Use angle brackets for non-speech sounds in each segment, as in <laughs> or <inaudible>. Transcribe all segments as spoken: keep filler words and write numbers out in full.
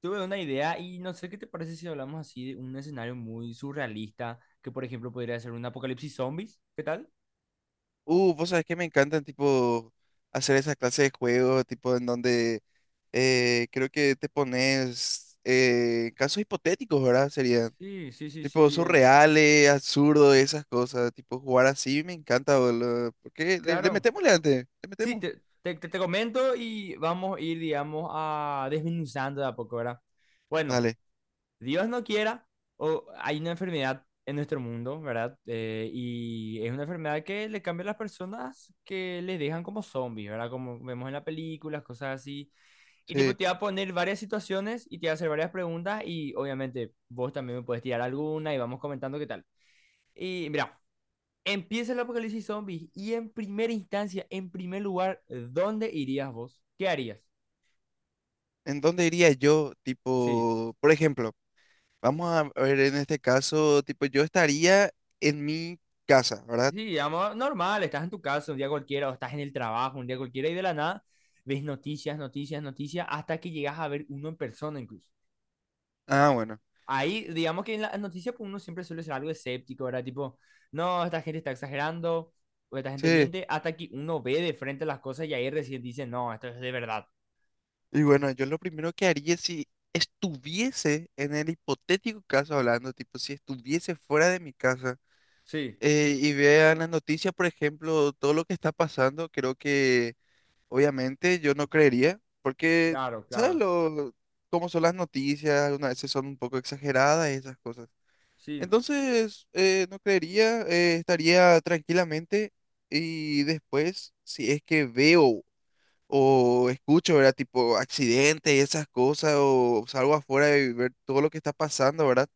Tuve una idea y no sé qué te parece si hablamos así de un escenario muy surrealista, que por ejemplo podría ser un apocalipsis zombies. ¿Qué tal? Uh, vos sabés que me encantan, tipo, hacer esa clase de juegos, tipo, en donde eh, creo que te pones eh, casos hipotéticos, ¿verdad? Serían, Sí, sí, sí, tipo, sí. eh, surreales, absurdos, esas cosas, tipo, jugar así me encanta, boludo. ¿Por qué? Le, le Claro. metemos, antes, le Sí, metemos. te, te, te- te comento y vamos a ir, digamos, a desmenuzando de a poco, ¿verdad? Bueno, Dale, Dios no quiera, o hay una enfermedad en nuestro mundo, ¿verdad? Eh, y es una enfermedad que le cambia a las personas que les dejan como zombies, ¿verdad? Como vemos en las películas, cosas así. Y tipo, sí. te va a poner varias situaciones y te va a hacer varias preguntas y obviamente vos también me puedes tirar alguna y vamos comentando qué tal. Y mira, empieza el apocalipsis zombies y en primera instancia, en primer lugar, ¿dónde irías vos? ¿Qué harías? ¿En dónde iría yo? Sí, Tipo, por ejemplo, vamos a ver en este caso, tipo, yo estaría en mi casa, ¿verdad? sí, digamos, normal, estás en tu casa un día cualquiera o estás en el trabajo un día cualquiera y de la nada ves noticias, noticias, noticias hasta que llegas a ver uno en persona incluso. Ah, bueno, Ahí, digamos que en las noticias pues, uno siempre suele ser algo escéptico, ¿verdad? Tipo, no, esta gente está exagerando, o esta gente sí. miente, hasta que uno ve de frente las cosas y ahí recién dice, no, esto es de verdad. Y bueno, yo lo primero que haría si estuviese en el hipotético caso hablando, tipo, si estuviese fuera de mi casa Sí, eh, y vean las noticias, por ejemplo, todo lo que está pasando, creo que obviamente yo no creería, porque, claro, ¿sabes claro. lo, cómo son las noticias? Algunas veces son un poco exageradas y esas cosas. Sí, Entonces, eh, no creería, eh, estaría tranquilamente y después, si es que veo o escucho, ¿verdad? Tipo accidentes y esas cosas, o salgo afuera y ver todo lo que está pasando, ¿verdad?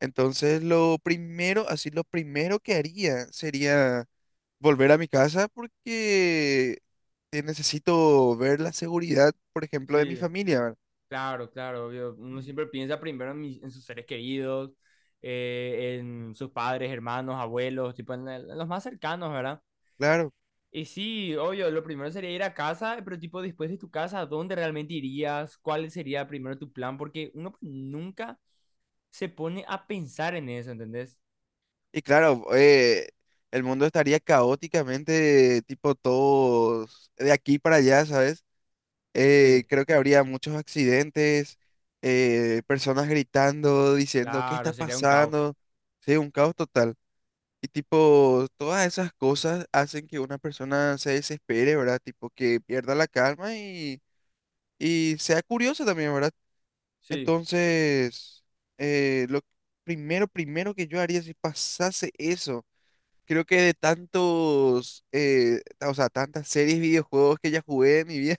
Entonces, lo primero, así, lo primero que haría sería volver a mi casa porque eh, necesito ver la seguridad, por ejemplo, de mi sí, familia, ¿verdad? claro, claro, obvio. Uno Mm. siempre piensa primero en, mis- en sus seres queridos, eh, en sus padres, hermanos, abuelos, tipo en, el- en los más cercanos, ¿verdad? Claro. Y sí, obvio, lo primero sería ir a casa, pero tipo después de tu casa, ¿a dónde realmente irías? ¿Cuál sería primero tu plan? Porque uno pues, nunca se pone a pensar en eso, ¿entendés? Y claro, eh, el mundo estaría caóticamente, tipo todos de aquí para allá, ¿sabes? eh, Sí, creo que habría muchos accidentes, eh, personas gritando, diciendo, ¿qué está claro, sería un caos. pasando? Sí, un caos total. Y tipo, todas esas cosas hacen que una persona se desespere, ¿verdad? Tipo, que pierda la calma y, y sea curiosa también, ¿verdad? Sí, Entonces, eh, lo primero, primero que yo haría si pasase eso. Creo que de tantos, eh, o sea, tantas series, videojuegos que ya jugué en mi vida,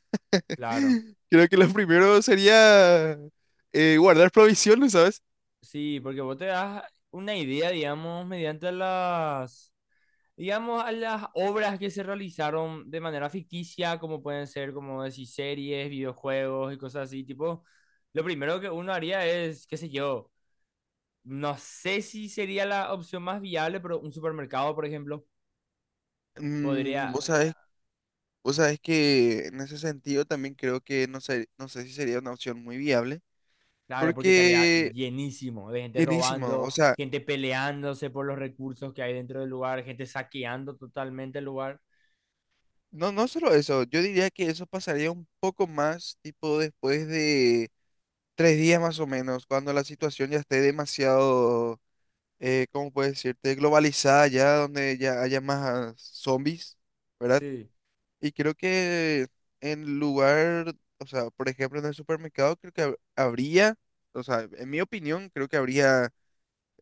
claro. <laughs> creo que lo primero sería eh, guardar provisiones, ¿sabes? Sí, porque vos te das una idea, digamos, mediante las, digamos, a las obras que se realizaron de manera ficticia, como pueden ser, como decir, series, videojuegos y cosas así, tipo, lo primero que uno haría es, qué sé yo, no sé si sería la opción más viable, pero un supermercado, por ejemplo, Mm, podría, vos sabés, vos sabés que en ese sentido también creo que no sé, no sé si sería una opción muy viable, claro, porque estaría porque llenísimo de gente llenísimo, o robando, sea, gente peleándose por los recursos que hay dentro del lugar, gente saqueando totalmente el lugar. no, no solo eso, yo diría que eso pasaría un poco más, tipo después de tres días más o menos, cuando la situación ya esté demasiado eh, ¿cómo puedes decirte? Globalizada ya, donde ya haya más zombies, ¿verdad? Sí. Y creo que en lugar, o sea, por ejemplo, en el supermercado, creo que hab- habría, o sea, en mi opinión, creo que habría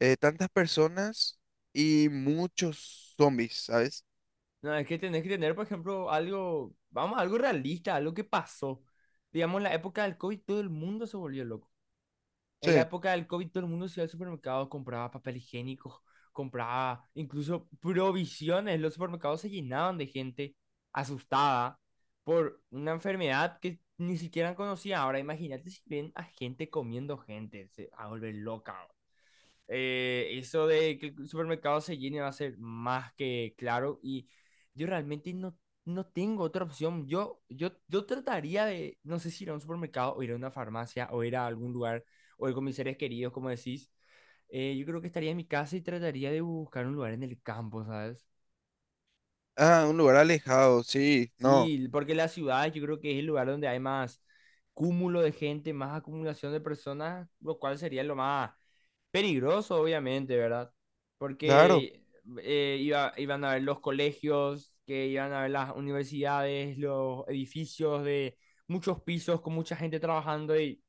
eh, tantas personas y muchos zombies, ¿sabes? No, es que tenés que tener, por ejemplo, algo, vamos, algo realista, algo que pasó. Digamos, en la época del COVID todo el mundo se volvió loco. En la Sí. época del COVID todo el mundo se iba al supermercado, compraba papel higiénico, compraba incluso provisiones. Los supermercados se llenaban de gente asustada por una enfermedad que ni siquiera conocía. Ahora imagínate si ven a gente comiendo gente, se va a volver loca. Eh, eso de que el supermercado se llene va a ser más que claro y yo realmente no, no tengo otra opción. Yo, yo, yo trataría de, no sé si ir a un supermercado o ir a una farmacia o ir a algún lugar o ir con mis seres queridos, como decís. Eh, yo creo que estaría en mi casa y trataría de buscar un lugar en el campo, ¿sabes? Ah, un lugar alejado, sí, no, Sí, porque la ciudad yo creo que es el lugar donde hay más cúmulo de gente, más acumulación de personas, lo cual sería lo más peligroso, obviamente, ¿verdad? claro. Porque eh, iba- iban a ver los colegios, que iban a ver las universidades, los edificios de muchos pisos con mucha gente trabajando y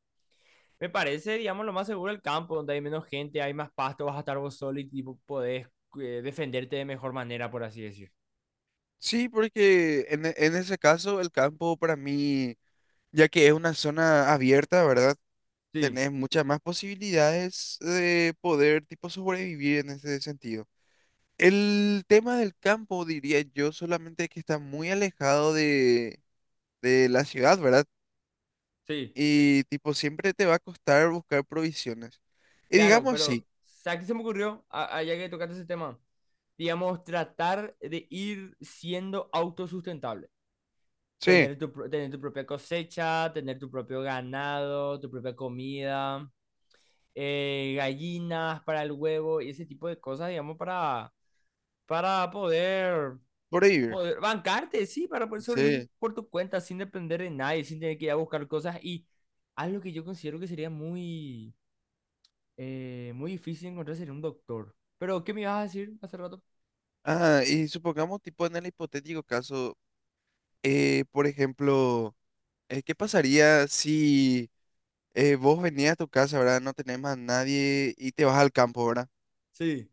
me parece, digamos, lo más seguro el campo, donde hay menos gente, hay más pasto, vas a estar vos solo y tipo, podés eh, defenderte de mejor manera, por así decir. Sí, porque en, e- en ese caso el campo para mí, ya que es una zona abierta, ¿verdad? Sí, Tenés muchas más posibilidades de poder tipo sobrevivir en ese sentido. El tema del campo, diría yo, solamente que está muy alejado de, de la ciudad, ¿verdad? sí, Y tipo siempre te va a costar buscar provisiones. Y claro, digamos pero así, ¿sabes qué se me ocurrió? A- Allá que tocaste ese tema, digamos, tratar de ir siendo autosustentable. sí, tener tu, tener tu propia cosecha, tener tu propio ganado, tu propia comida, eh, gallinas para el huevo y ese tipo de cosas, digamos, para, para poder, sobrevivir. poder bancarte, sí, para poder sobrevivir Sí. por tu cuenta sin depender de nadie, sin tener que ir a buscar cosas. Y algo que yo considero que sería muy, eh, muy difícil encontrar sería un doctor. Pero, ¿qué me ibas a decir hace rato? Ah, y supongamos tipo en el hipotético caso, eh, por ejemplo, eh, ¿qué pasaría si eh, vos venías a tu casa, ¿verdad? No tenés más nadie y te vas al campo, ¿verdad? Sí,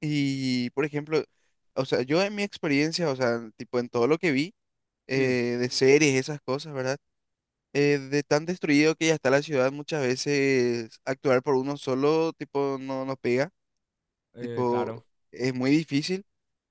Y, por ejemplo, o sea, yo en mi experiencia, o sea, tipo en todo lo que vi sí, eh, de series, esas cosas, ¿verdad? Eh, de tan destruido que ya está la ciudad, muchas veces actuar por uno solo, tipo, no nos pega, eh, claro. tipo, es muy difícil.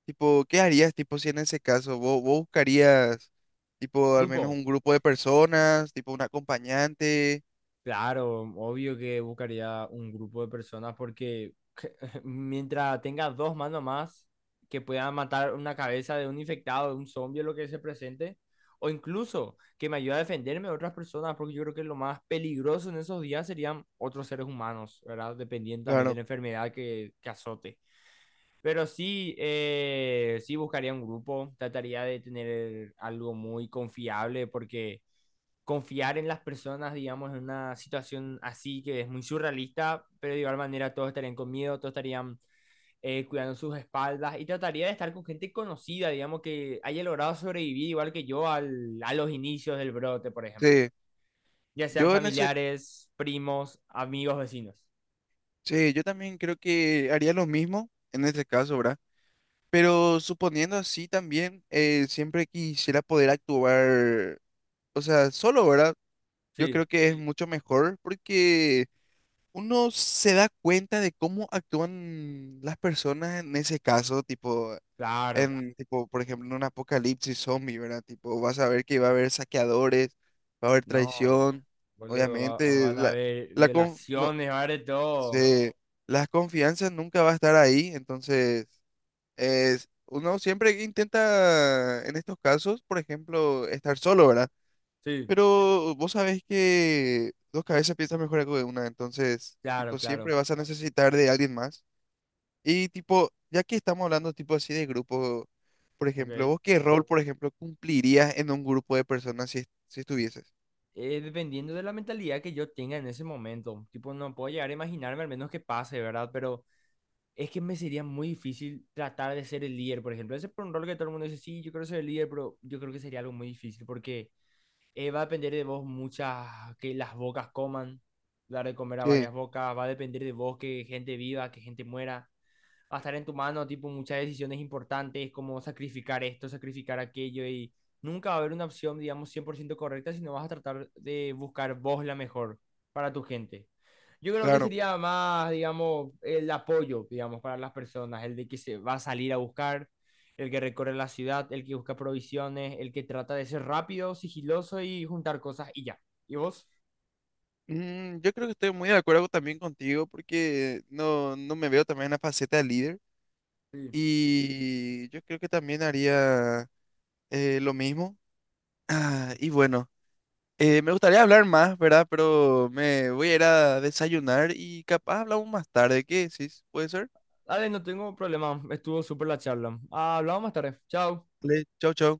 Tipo, ¿qué harías, tipo, si en ese caso vos, vos buscarías, tipo, al menos Grupo. un grupo de personas, tipo, un acompañante? Claro, obvio que buscaría un grupo de personas porque <laughs> mientras tenga dos manos más que puedan matar una cabeza de un infectado, de un zombie, lo que se presente, o incluso que me ayude a defenderme de otras personas, porque yo creo que lo más peligroso en esos días serían otros seres humanos, ¿verdad? Dependiendo también de Claro, la enfermedad que, que azote. Pero sí, eh, sí buscaría un grupo, trataría de tener algo muy confiable porque confiar en las personas, digamos, en una situación así que es muy surrealista, pero de igual manera todos estarían con miedo, todos estarían eh, cuidando sus espaldas y trataría de estar con gente conocida, digamos, que haya logrado sobrevivir igual que yo al, a los inicios del brote, por ejemplo. sí. Ya sean Yo en ese, familiares, primos, amigos, vecinos. sí, yo también creo que haría lo mismo en ese caso, ¿verdad? Pero suponiendo así también, eh, siempre quisiera poder actuar, o sea, solo, ¿verdad? Yo Sí, creo que es mucho mejor porque uno se da cuenta de cómo actúan las personas en ese caso, tipo, claro. en, tipo, por ejemplo, en un apocalipsis zombie, ¿verdad? Tipo, vas a ver que va a haber saqueadores, va a haber No, traición, boludo, va- obviamente, van a la, haber la con- no, violaciones, va a haber de todo. se, la confianza nunca va a estar ahí, entonces es- uno siempre intenta, en estos casos, por ejemplo, estar solo, ¿verdad? Sí, Pero vos sabés que dos cabezas piensan mejor que una, entonces, claro, tipo, claro. siempre vas a necesitar de alguien más. Y, tipo, ya que estamos hablando, tipo, así de grupo, por ejemplo, Ok. ¿vos qué rol, por ejemplo, cumplirías en un grupo de personas si, est- si estuvieses? Eh, dependiendo de la mentalidad que yo tenga en ese momento. Tipo, no puedo llegar a imaginarme al menos que pase, ¿verdad? Pero es que me sería muy difícil tratar de ser el líder, por ejemplo. Ese es por un rol que todo el mundo dice, sí, yo quiero ser el líder, pero yo creo que sería algo muy difícil porque eh, va a depender de vos muchas, que las bocas coman, dar de comer a Sí, varias bocas, va a depender de vos que gente viva, que gente muera, va a estar en tu mano, tipo, muchas decisiones importantes, como sacrificar esto, sacrificar aquello, y nunca va a haber una opción, digamos, cien por ciento correcta, sino vas a tratar de buscar vos la mejor para tu gente. Yo creo que claro. sería más, digamos, el apoyo, digamos, para las personas, el de que se va a salir a buscar, el que recorre la ciudad, el que busca provisiones, el que trata de ser rápido, sigiloso y juntar cosas y ya. ¿Y vos? Mm, yo creo que estoy muy de acuerdo también contigo porque no, no me veo también en la faceta de líder. Sí. Y yo creo que también haría eh, lo mismo. Ah, y bueno, eh, me gustaría hablar más, ¿verdad? Pero me voy a ir a desayunar y capaz hablamos más tarde. ¿Qué decís? ¿Puede ser? Dale, no tengo problema, estuvo súper la charla. Hablamos más tarde. Chao. Dale, chau, chau.